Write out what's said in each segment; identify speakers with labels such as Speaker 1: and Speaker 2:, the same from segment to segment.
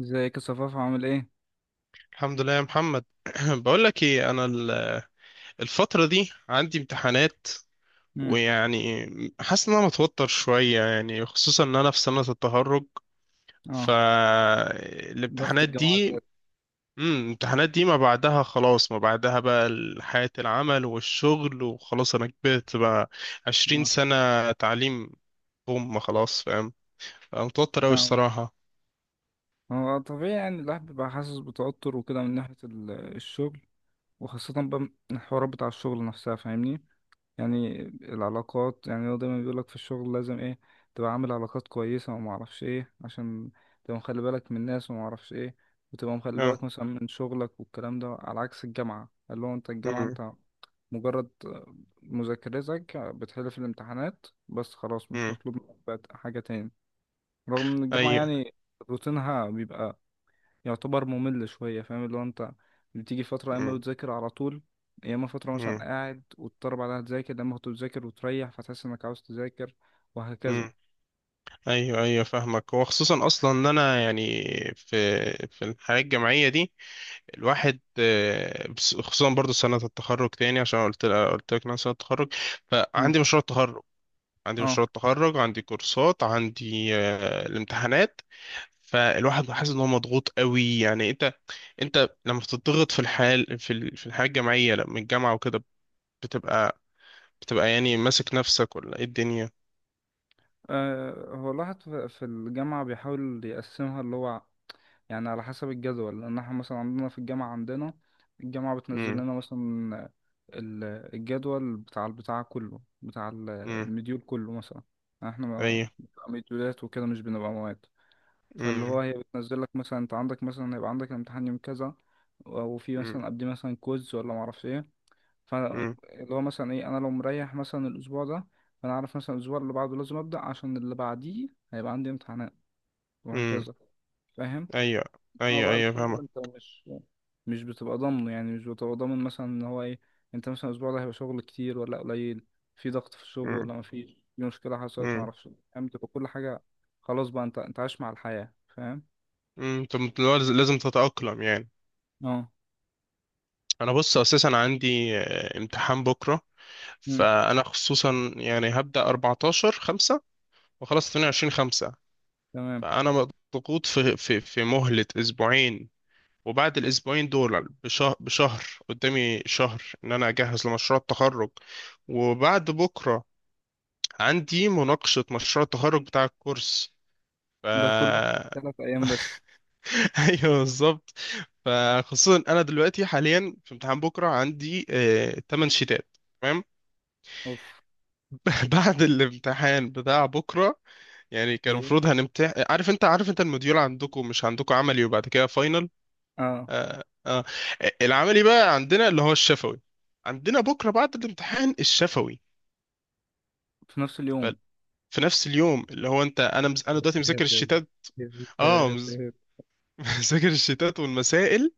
Speaker 1: ازيك يا صفاف، عامل ايه؟
Speaker 2: الحمد لله يا محمد بقول لك ايه، انا الفتره دي عندي امتحانات.
Speaker 1: امم
Speaker 2: ويعني حاسس ان انا متوتر شويه، يعني خصوصا ان انا في سنه التخرج.
Speaker 1: اه، ضغط
Speaker 2: فالامتحانات
Speaker 1: الجامعة
Speaker 2: دي
Speaker 1: زاد.
Speaker 2: الامتحانات دي ما بعدها خلاص، ما بعدها بقى حياه العمل والشغل، وخلاص انا كبرت بقى. 20
Speaker 1: اه،
Speaker 2: سنه تعليم. هم خلاص، فاهم. أنا متوتر قوي
Speaker 1: فاهم.
Speaker 2: الصراحه.
Speaker 1: هو طبيعي يعني الواحد بيبقى حاسس بتوتر وكده من ناحية الشغل، وخاصة بقى من الحوارات بتاع الشغل نفسها، فاهمني؟ يعني العلاقات، يعني هو دايما بيقولك في الشغل لازم ايه، تبقى عامل علاقات كويسة وما اعرفش ايه، عشان تبقى مخلي بالك من الناس وما اعرفش ايه، وتبقى مخلي
Speaker 2: اه.
Speaker 1: بالك مثلا من شغلك والكلام ده، على عكس الجامعة اللي هو انت الجامعة
Speaker 2: امم.
Speaker 1: انت مجرد مذاكرتك بتحل في الامتحانات بس، خلاص مش
Speaker 2: امم.
Speaker 1: مطلوب منك بقى حاجة تاني. رغم ان الجامعة
Speaker 2: ايوه.
Speaker 1: يعني روتينها بيبقى يعتبر ممل شوية، فاهم اللي هو انت بتيجي فترة يا اما بتذاكر على طول، يا اما فترة مثلا قاعد وتضطر بعدها تذاكر لما كنت بتذاكر وتريح فتحس انك عاوز تذاكر، وهكذا.
Speaker 2: امم. ايوه ايوه فاهمك، وخصوصا اصلا ان انا يعني في الحياه الجامعيه دي الواحد خصوصا برضو سنه التخرج، تاني عشان قلت لك إن انا سنه التخرج.
Speaker 1: مم.
Speaker 2: فعندي مشروع التخرج. عندي
Speaker 1: اه.
Speaker 2: مشروع التخرج، عندي كورسات، عندي الامتحانات. فالواحد حاسس ان هو مضغوط قوي. يعني انت، لما بتضغط في الحال، في في الحياه الجامعيه، لما الجامعه وكده بتبقى يعني ماسك نفسك، ولا ايه الدنيا؟
Speaker 1: أه، هو الواحد في الجامعة بيحاول يقسمها اللي هو يعني على حسب الجدول، لأن احنا مثلا عندنا في الجامعة عندنا الجامعة بتنزل
Speaker 2: امم.
Speaker 1: لنا مثلا ال- الجدول بتاع البتاع كله، بتاع
Speaker 2: امم.
Speaker 1: المديول كله مثلا. احنا
Speaker 2: ايوه.
Speaker 1: بنبقى مديولات وكده، مش بنبقى مواد. فاللي هو
Speaker 2: امم.
Speaker 1: هي بتنزل لك مثلا انت عندك، مثلا هيبقى عندك امتحان يوم كذا، وفي
Speaker 2: امم،
Speaker 1: مثلا قبل مثلا كويز ولا معرفش ايه.
Speaker 2: امم.
Speaker 1: فاللي هو مثلا ايه، انا لو مريح مثلا الاسبوع ده، فانا عارف مثلا الاسبوع اللي بعده لازم ابدا، عشان اللي بعديه هيبقى عندي امتحانات،
Speaker 2: امم.
Speaker 1: وهكذا. فاهم.
Speaker 2: ايوه
Speaker 1: اه
Speaker 2: ايوه
Speaker 1: بقى
Speaker 2: ايوه
Speaker 1: الشغل
Speaker 2: فاهمة.
Speaker 1: انت مش مش بتبقى ضامنه، يعني مش بتبقى ضامن مثلا ان هو ايه، انت مثلا الاسبوع ده هيبقى شغل كتير ولا قليل، في ضغط في الشغل
Speaker 2: امم.
Speaker 1: ولا مفيش، في مشكله حصلت
Speaker 2: امم.
Speaker 1: معرفش، فاهم، تبقى كل حاجه خلاص بقى، انت انت عايش مع الحياه، فاهم.
Speaker 2: امم. طب لازم لازم تتأقلم يعني.
Speaker 1: اه.
Speaker 2: انا بص، اساسا عندي امتحان بكرة.
Speaker 1: مم.
Speaker 2: فانا خصوصا يعني هبدأ 14/5 وخلاص 22/5.
Speaker 1: تمام.
Speaker 2: فانا مضغوط في مهلة اسبوعين، وبعد الاسبوعين دول بشهر بشهر قدامي شهر ان انا اجهز لمشروع التخرج. وبعد بكرة عندي مناقشة مشروع التخرج بتاع الكورس. ف
Speaker 1: ده كله في ثلاث أيام بس؟
Speaker 2: ايوه بالظبط. فخصوصا انا دلوقتي حاليا في امتحان بكره، عندي 8 شيتات. تمام.
Speaker 1: أوف.
Speaker 2: بعد الامتحان بتاع بكره يعني كان
Speaker 1: إيه.
Speaker 2: المفروض هنمتحن. عارف انت الموديول عندكم؟ مش عندكم عملي وبعد كده فاينل.
Speaker 1: آه.
Speaker 2: آه آه. العملي بقى عندنا اللي هو الشفوي. عندنا بكره بعد الامتحان الشفوي.
Speaker 1: في نفس
Speaker 2: ف-
Speaker 1: اليوم.
Speaker 2: في نفس اليوم. اللي هو انت، انا
Speaker 1: يا
Speaker 2: دلوقتي مذاكر
Speaker 1: ساتر،
Speaker 2: الشتات.
Speaker 1: يا
Speaker 2: اه
Speaker 1: ساتر.
Speaker 2: مذاكر الشتات والمسائل.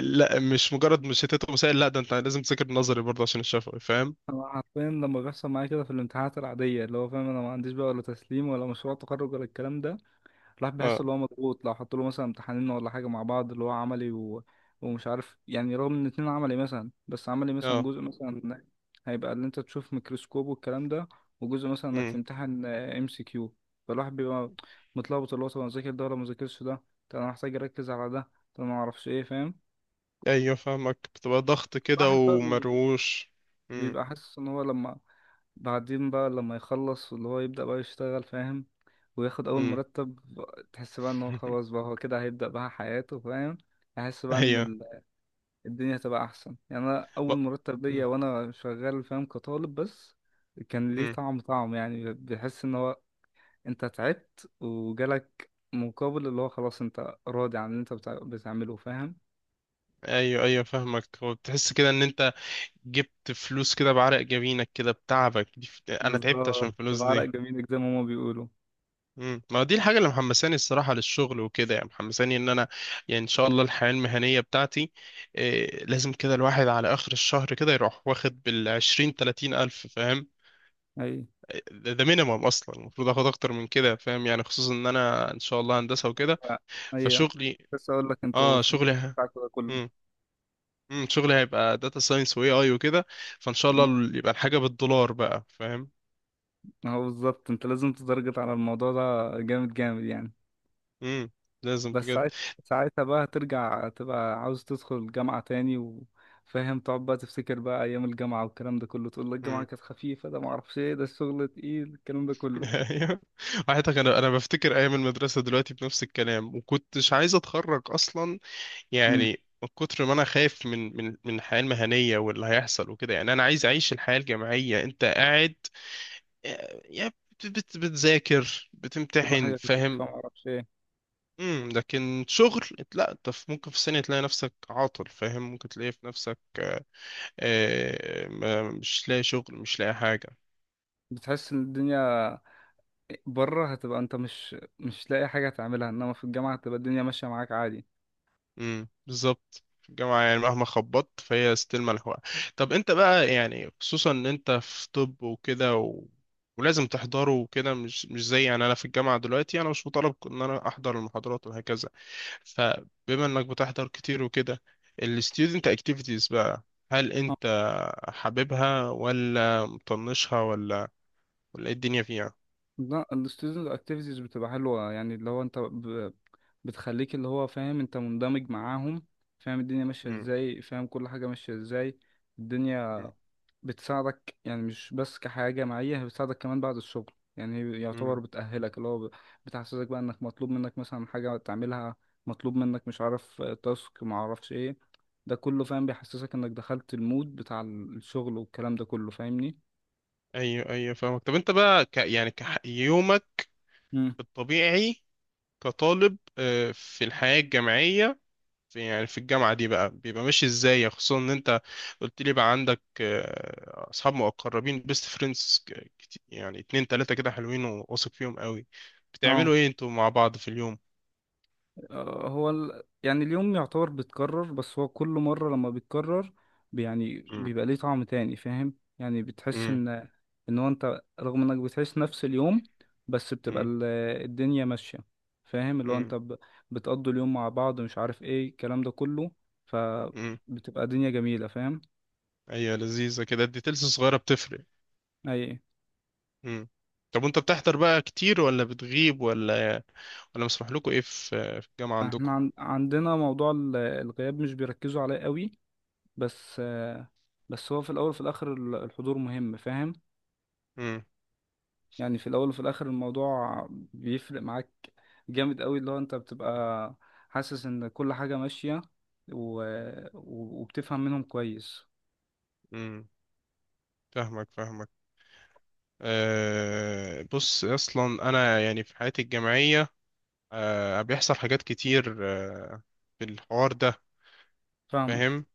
Speaker 2: لا مش مجرد مشيتات وسائل، لا ده انت لازم تذاكر نظري برضه عشان الشفوي، فاهم.
Speaker 1: أنا حرفيا لما بيحصل معايا كده في الامتحانات العادية اللي هو، فاهم، أنا ما عنديش بقى ولا تسليم ولا مشروع تخرج ولا الكلام ده، الواحد بيحس
Speaker 2: اه.
Speaker 1: اللي هو مضغوط. لو حط له مثلا امتحانين ولا حاجة مع بعض اللي هو عملي ومش عارف يعني، رغم ان اتنين عملي مثلا، بس عملي مثلا
Speaker 2: اه.
Speaker 1: جزء مثلا هيبقى اللي انت تشوف ميكروسكوب والكلام ده، وجزء مثلا انك
Speaker 2: امم.
Speaker 1: تمتحن ام سي كيو. فالواحد بيبقى متلخبط اللي هو، طب انا اذاكر ده ولا ما اذاكرش ده، طب انا محتاج اركز على ده، طب انا ما اعرفش ايه، فاهم.
Speaker 2: ايوه فاهمك، بتبقى ضغط كده
Speaker 1: الواحد بقى
Speaker 2: ومروش. امم.
Speaker 1: بيبقى حاسس ان هو لما بعدين بقى، لما يخلص واللي هو يبدأ بقى يشتغل، فاهم، وياخد أول
Speaker 2: امم.
Speaker 1: مرتب، تحس بقى إن هو خلاص بقى هو كده هيبدأ بقى حياته، فاهم. أحس بقى إن
Speaker 2: ايوه.
Speaker 1: الدنيا هتبقى أحسن يعني. أنا
Speaker 2: ب...
Speaker 1: أول مرتب ليا
Speaker 2: مم.
Speaker 1: وأنا شغال، فاهم، كطالب بس، كان ليه
Speaker 2: مم.
Speaker 1: طعم طعم يعني. بحس إن هو أنت تعبت وجالك مقابل اللي هو خلاص، أنت راضي عن اللي أنت بتعمله، فاهم.
Speaker 2: ايوه ايوه فاهمك. هو بتحس كده ان انت جبت فلوس كده بعرق جبينك كده، بتعبك دي انا تعبت عشان
Speaker 1: بالظبط،
Speaker 2: الفلوس
Speaker 1: بعرق
Speaker 2: دي.
Speaker 1: جميل زي ما هما بيقولوا.
Speaker 2: مم. ما دي الحاجة اللي محمساني الصراحة للشغل وكده، يعني محمساني ان انا يعني ان شاء الله الحياة المهنية بتاعتي إيه. لازم كده الواحد على اخر الشهر كده يروح واخد بالعشرين 30 ألف، فاهم.
Speaker 1: أي.
Speaker 2: ده مينيمم اصلا، المفروض اخد اكتر من كده، فاهم. يعني خصوصا ان انا ان شاء الله هندسة وكده.
Speaker 1: ف-. ايوه.
Speaker 2: فشغلي.
Speaker 1: بس اقول لك انتوا
Speaker 2: اه
Speaker 1: في
Speaker 2: شغلي
Speaker 1: المكان بتاعكوا ده كله.
Speaker 2: مم. مم. شغلي هيبقى داتا ساينس AI وكده. فان شاء
Speaker 1: مم.
Speaker 2: الله يبقى الحاجة بالدولار بقى، فاهم.
Speaker 1: اهو بالظبط، انت لازم تتارجت على الموضوع ده جامد جامد يعني.
Speaker 2: مم. لازم
Speaker 1: بس
Speaker 2: بجد.
Speaker 1: ساعت- ساعتها بقى ترجع تبقى عاوز تدخل الجامعة تاني، وفاهم تقعد بقى تفتكر بقى ايام الجامعة والكلام ده كله، تقول لك الجامعة كانت خفيفة، ده معرفش ايه، ده الشغل تقيل، الكلام ده كله.
Speaker 2: ايوه. على فكرة انا بفتكر ايام المدرسه دلوقتي بنفس الكلام، وكنتش عايز اتخرج اصلا.
Speaker 1: مم.
Speaker 2: يعني من كتر ما انا خايف من الحياه المهنيه واللي هيحصل وكده، يعني انا عايز اعيش الحياه الجامعيه. انت قاعد يعني بتذاكر
Speaker 1: كل
Speaker 2: بتمتحن،
Speaker 1: حاجة خفيفة
Speaker 2: فاهم.
Speaker 1: معرفش ايه.
Speaker 2: امم. لكن شغل. لا انت ممكن في سنه تلاقي نفسك عاطل، فاهم. ممكن تلاقي في نفسك مش لاقي شغل، مش لاقي حاجه.
Speaker 1: بتحس ان الدنيا بره هتبقى انت مش مش لاقي حاجة تعملها، انما في الجامعة هتبقى الدنيا ماشية معاك عادي.
Speaker 2: بالظبط. في الجامعة يعني مهما خبطت فهي ستيل ملحوقة. طب انت بقى، يعني خصوصا ان انت في طب وكده ولازم تحضره وكده. مش زي يعني انا في الجامعة دلوقتي، انا مش مطالب ان انا احضر المحاضرات وهكذا. فبما انك بتحضر كتير وكده، ال student activities بقى، هل انت حاببها ولا مطنشها، ولا ولا ايه الدنيا فيها؟
Speaker 1: لا، ال student activities بتبقى حلوة، يعني اللي هو انت بتخليك اللي هو، فاهم انت مندمج معاهم، فاهم الدنيا ماشية
Speaker 2: امم.
Speaker 1: ازاي، فاهم كل حاجة ماشية ازاي. الدنيا
Speaker 2: امم.
Speaker 1: بتساعدك يعني، مش بس كحياة جامعية، هي بتساعدك كمان بعد الشغل. يعني هي يعتبر
Speaker 2: امم.
Speaker 1: بتأهلك اللي هو بتحسسك بقى انك مطلوب منك مثلا حاجة تعملها، مطلوب منك مش عارف تاسك معرفش ايه، ده كله فاهم بيحسسك انك دخلت المود بتاع الشغل والكلام ده كله، فاهمني؟
Speaker 2: ايوه ايوه فاهمك. طب انت بقى يعني يومك
Speaker 1: مم.
Speaker 2: الطبيعي كطالب في الحياة الجامعية، في يعني في الجامعة دي بقى بيبقى ماشي ازاي، يعني خصوصا ان انت قلت لي بقى عندك اصحاب مقربين، بيست فريندز، يعني اتنين تلاتة كده حلوين وواثق فيهم قوي.
Speaker 1: اه.
Speaker 2: بتعملوا ايه انتوا مع بعض في اليوم؟
Speaker 1: هو يعني اليوم يعتبر بيتكرر، بس هو كل مرة لما بيتكرر يعني
Speaker 2: مم.
Speaker 1: بيبقى ليه طعم تاني، فاهم يعني، بتحس
Speaker 2: مم.
Speaker 1: ان هو انت رغم انك بتعيش نفس اليوم، بس بتبقى
Speaker 2: مم.
Speaker 1: الدنيا ماشية، فاهم اللي هو
Speaker 2: مم.
Speaker 1: انت بتقضوا اليوم مع بعض، مش عارف ايه الكلام ده كله،
Speaker 2: مم.
Speaker 1: فبتبقى دنيا جميلة، فاهم.
Speaker 2: ايوه لذيذة كده، الديتيلز الصغيرة بتفرق.
Speaker 1: اي.
Speaker 2: مم. طب وانت بتحضر بقى كتير ولا بتغيب، ولا ولا مسموح لكم ايه في الجامعة
Speaker 1: احنا
Speaker 2: عندكم؟
Speaker 1: عن... عندنا موضوع الغياب مش بيركزوا عليه قوي، بس آه، بس هو في الاول وفي الاخر الحضور مهم، فاهم
Speaker 2: امم.
Speaker 1: يعني. في الاول وفي الاخر الموضوع بيفرق معاك جامد قوي، اللي هو انت بتبقى حاسس ان كل حاجة ماشية، و... و وبتفهم منهم كويس.
Speaker 2: امم. فاهمك فاهمك. أه بص، اصلا انا يعني في حياتي الجامعيه أه بيحصل حاجات كتير. أه في الحوار ده
Speaker 1: فاهمك.
Speaker 2: فاهم.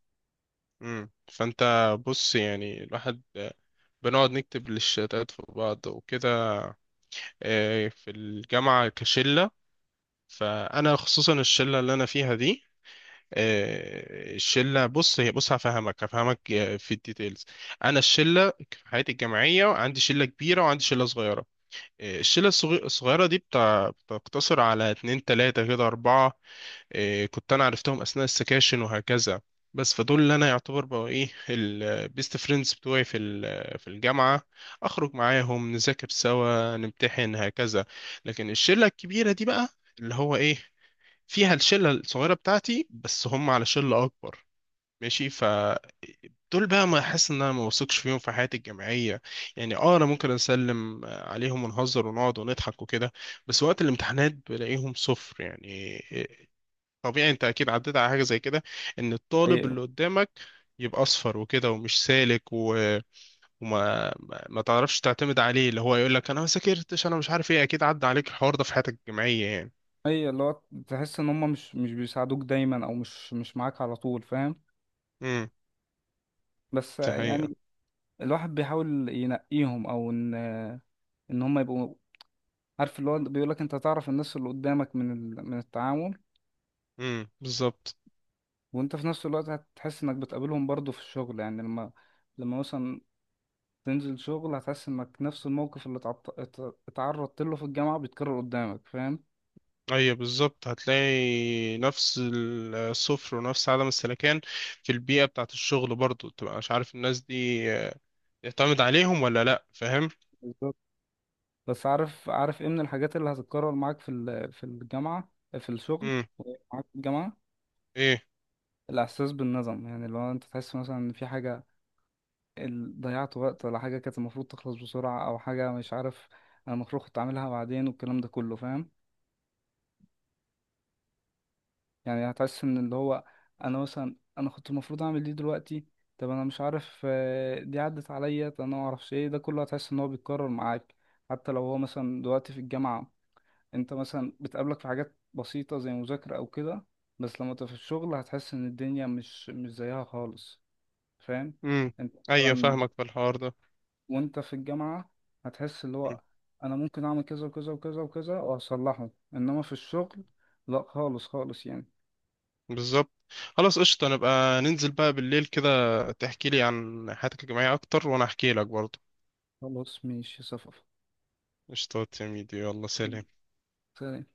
Speaker 2: مم. فانت بص يعني الواحد بنقعد نكتب للشتات في بعض وكده. في الجامعه كشله، فانا خصوصا الشله اللي انا فيها دي، الشله بص هي بص هفهمك في الديتيلز. انا الشله في حياتي الجامعيه عندي شله كبيره وعندي شله صغيره. إيه، الشلة الصغيرة دي بتاع بتقتصر على اتنين تلاتة كده أربعة. إيه، كنت أنا عرفتهم أثناء السكاشن وهكذا. بس فدول اللي أنا يعتبر بقوا إيه البيست فريندز بتوعي في في الجامعة. أخرج معاهم، نذاكر سوا، نمتحن، هكذا. لكن الشلة الكبيرة دي بقى، اللي هو إيه، فيها الشلة الصغيرة بتاعتي بس هم على شلة أكبر. ماشي. دول بقى ما احس ان انا ما بثقش فيهم في حياتي الجامعيه. يعني اه انا ممكن اسلم عليهم ونهزر ونقعد ونضحك وكده. بس وقت الامتحانات بلاقيهم صفر، يعني طبيعي انت اكيد عديت على حاجه زي كده، ان الطالب
Speaker 1: ايوه،
Speaker 2: اللي قدامك يبقى اصفر وكده ومش سالك وما ما ما تعرفش تعتمد عليه، اللي هو يقول لك انا ما ذاكرتش، انا مش عارف ايه. اكيد عدى عليك الحوار ده في حياتك الجامعيه يعني.
Speaker 1: ايوه، اللي هو تحس ان هم مش مش بيساعدوك دايما، او مش مش معاك على طول، فاهم.
Speaker 2: امم.
Speaker 1: بس
Speaker 2: دي حقيقه.
Speaker 1: يعني الواحد بيحاول ينقيهم، او ان ان هم يبقوا عارف، اللي هو بيقولك انت تعرف الناس اللي قدامك من من التعامل.
Speaker 2: بالظبط.
Speaker 1: وانت في نفس الوقت هتحس انك بتقابلهم برضو في الشغل، يعني لما مثلا تنزل شغل، هتحس انك نفس الموقف اللي اتعرضت له في الجامعة بيتكرر قدامك، فاهم.
Speaker 2: ايوه بالظبط، هتلاقي نفس الصفر ونفس عدم السلكان في البيئة بتاعة الشغل برضو، تبقى مش عارف الناس دي يعتمد عليهم ولا لا، فاهم.
Speaker 1: بالظبط. بس عارف عارف ايه من الحاجات اللي هتتكرر معاك في في الجامعة في الشغل،
Speaker 2: امم.
Speaker 1: معاك في الجامعة،
Speaker 2: ايه.
Speaker 1: الإحساس بالندم، يعني لو أنت تحس مثلا إن في حاجة ضيعت وقت، ولا حاجة كانت المفروض تخلص بسرعة، أو حاجة مش عارف أنا المفروض كنت أعملها بعدين والكلام ده كله، فاهم. يعني هتحس من اللي هو انا كنت المفروض اعمل دي دلوقتي، طب انا مش عارف آه، دي عدت عليا، طب انا ما اعرفش ايه، ده كله هتحس ان هو بيتكرر معاك. حتى لو هو مثلا دلوقتي في الجامعة انت مثلا بتقابلك في حاجات بسيطة زي مذاكرة او كده، بس لما تبقى في الشغل هتحس ان الدنيا مش مش زيها خالص، فاهم.
Speaker 2: امم.
Speaker 1: انت
Speaker 2: ايوه
Speaker 1: مثلا
Speaker 2: فاهمك في الحوار ده.
Speaker 1: وانت في الجامعة هتحس اللي
Speaker 2: مم.
Speaker 1: هو انا ممكن اعمل كذا وكذا وكذا وكذا واصلحه، انما في الشغل لا خالص خالص يعني.
Speaker 2: بالظبط. خلاص قشطة، نبقى ننزل بقى بالليل كده، تحكي لي عن حياتك الجامعية اكتر وانا احكي لك برضو.
Speaker 1: خلاص ماشي صفا.
Speaker 2: قشطة يا ميدي، يلا سلام.
Speaker 1: تمام.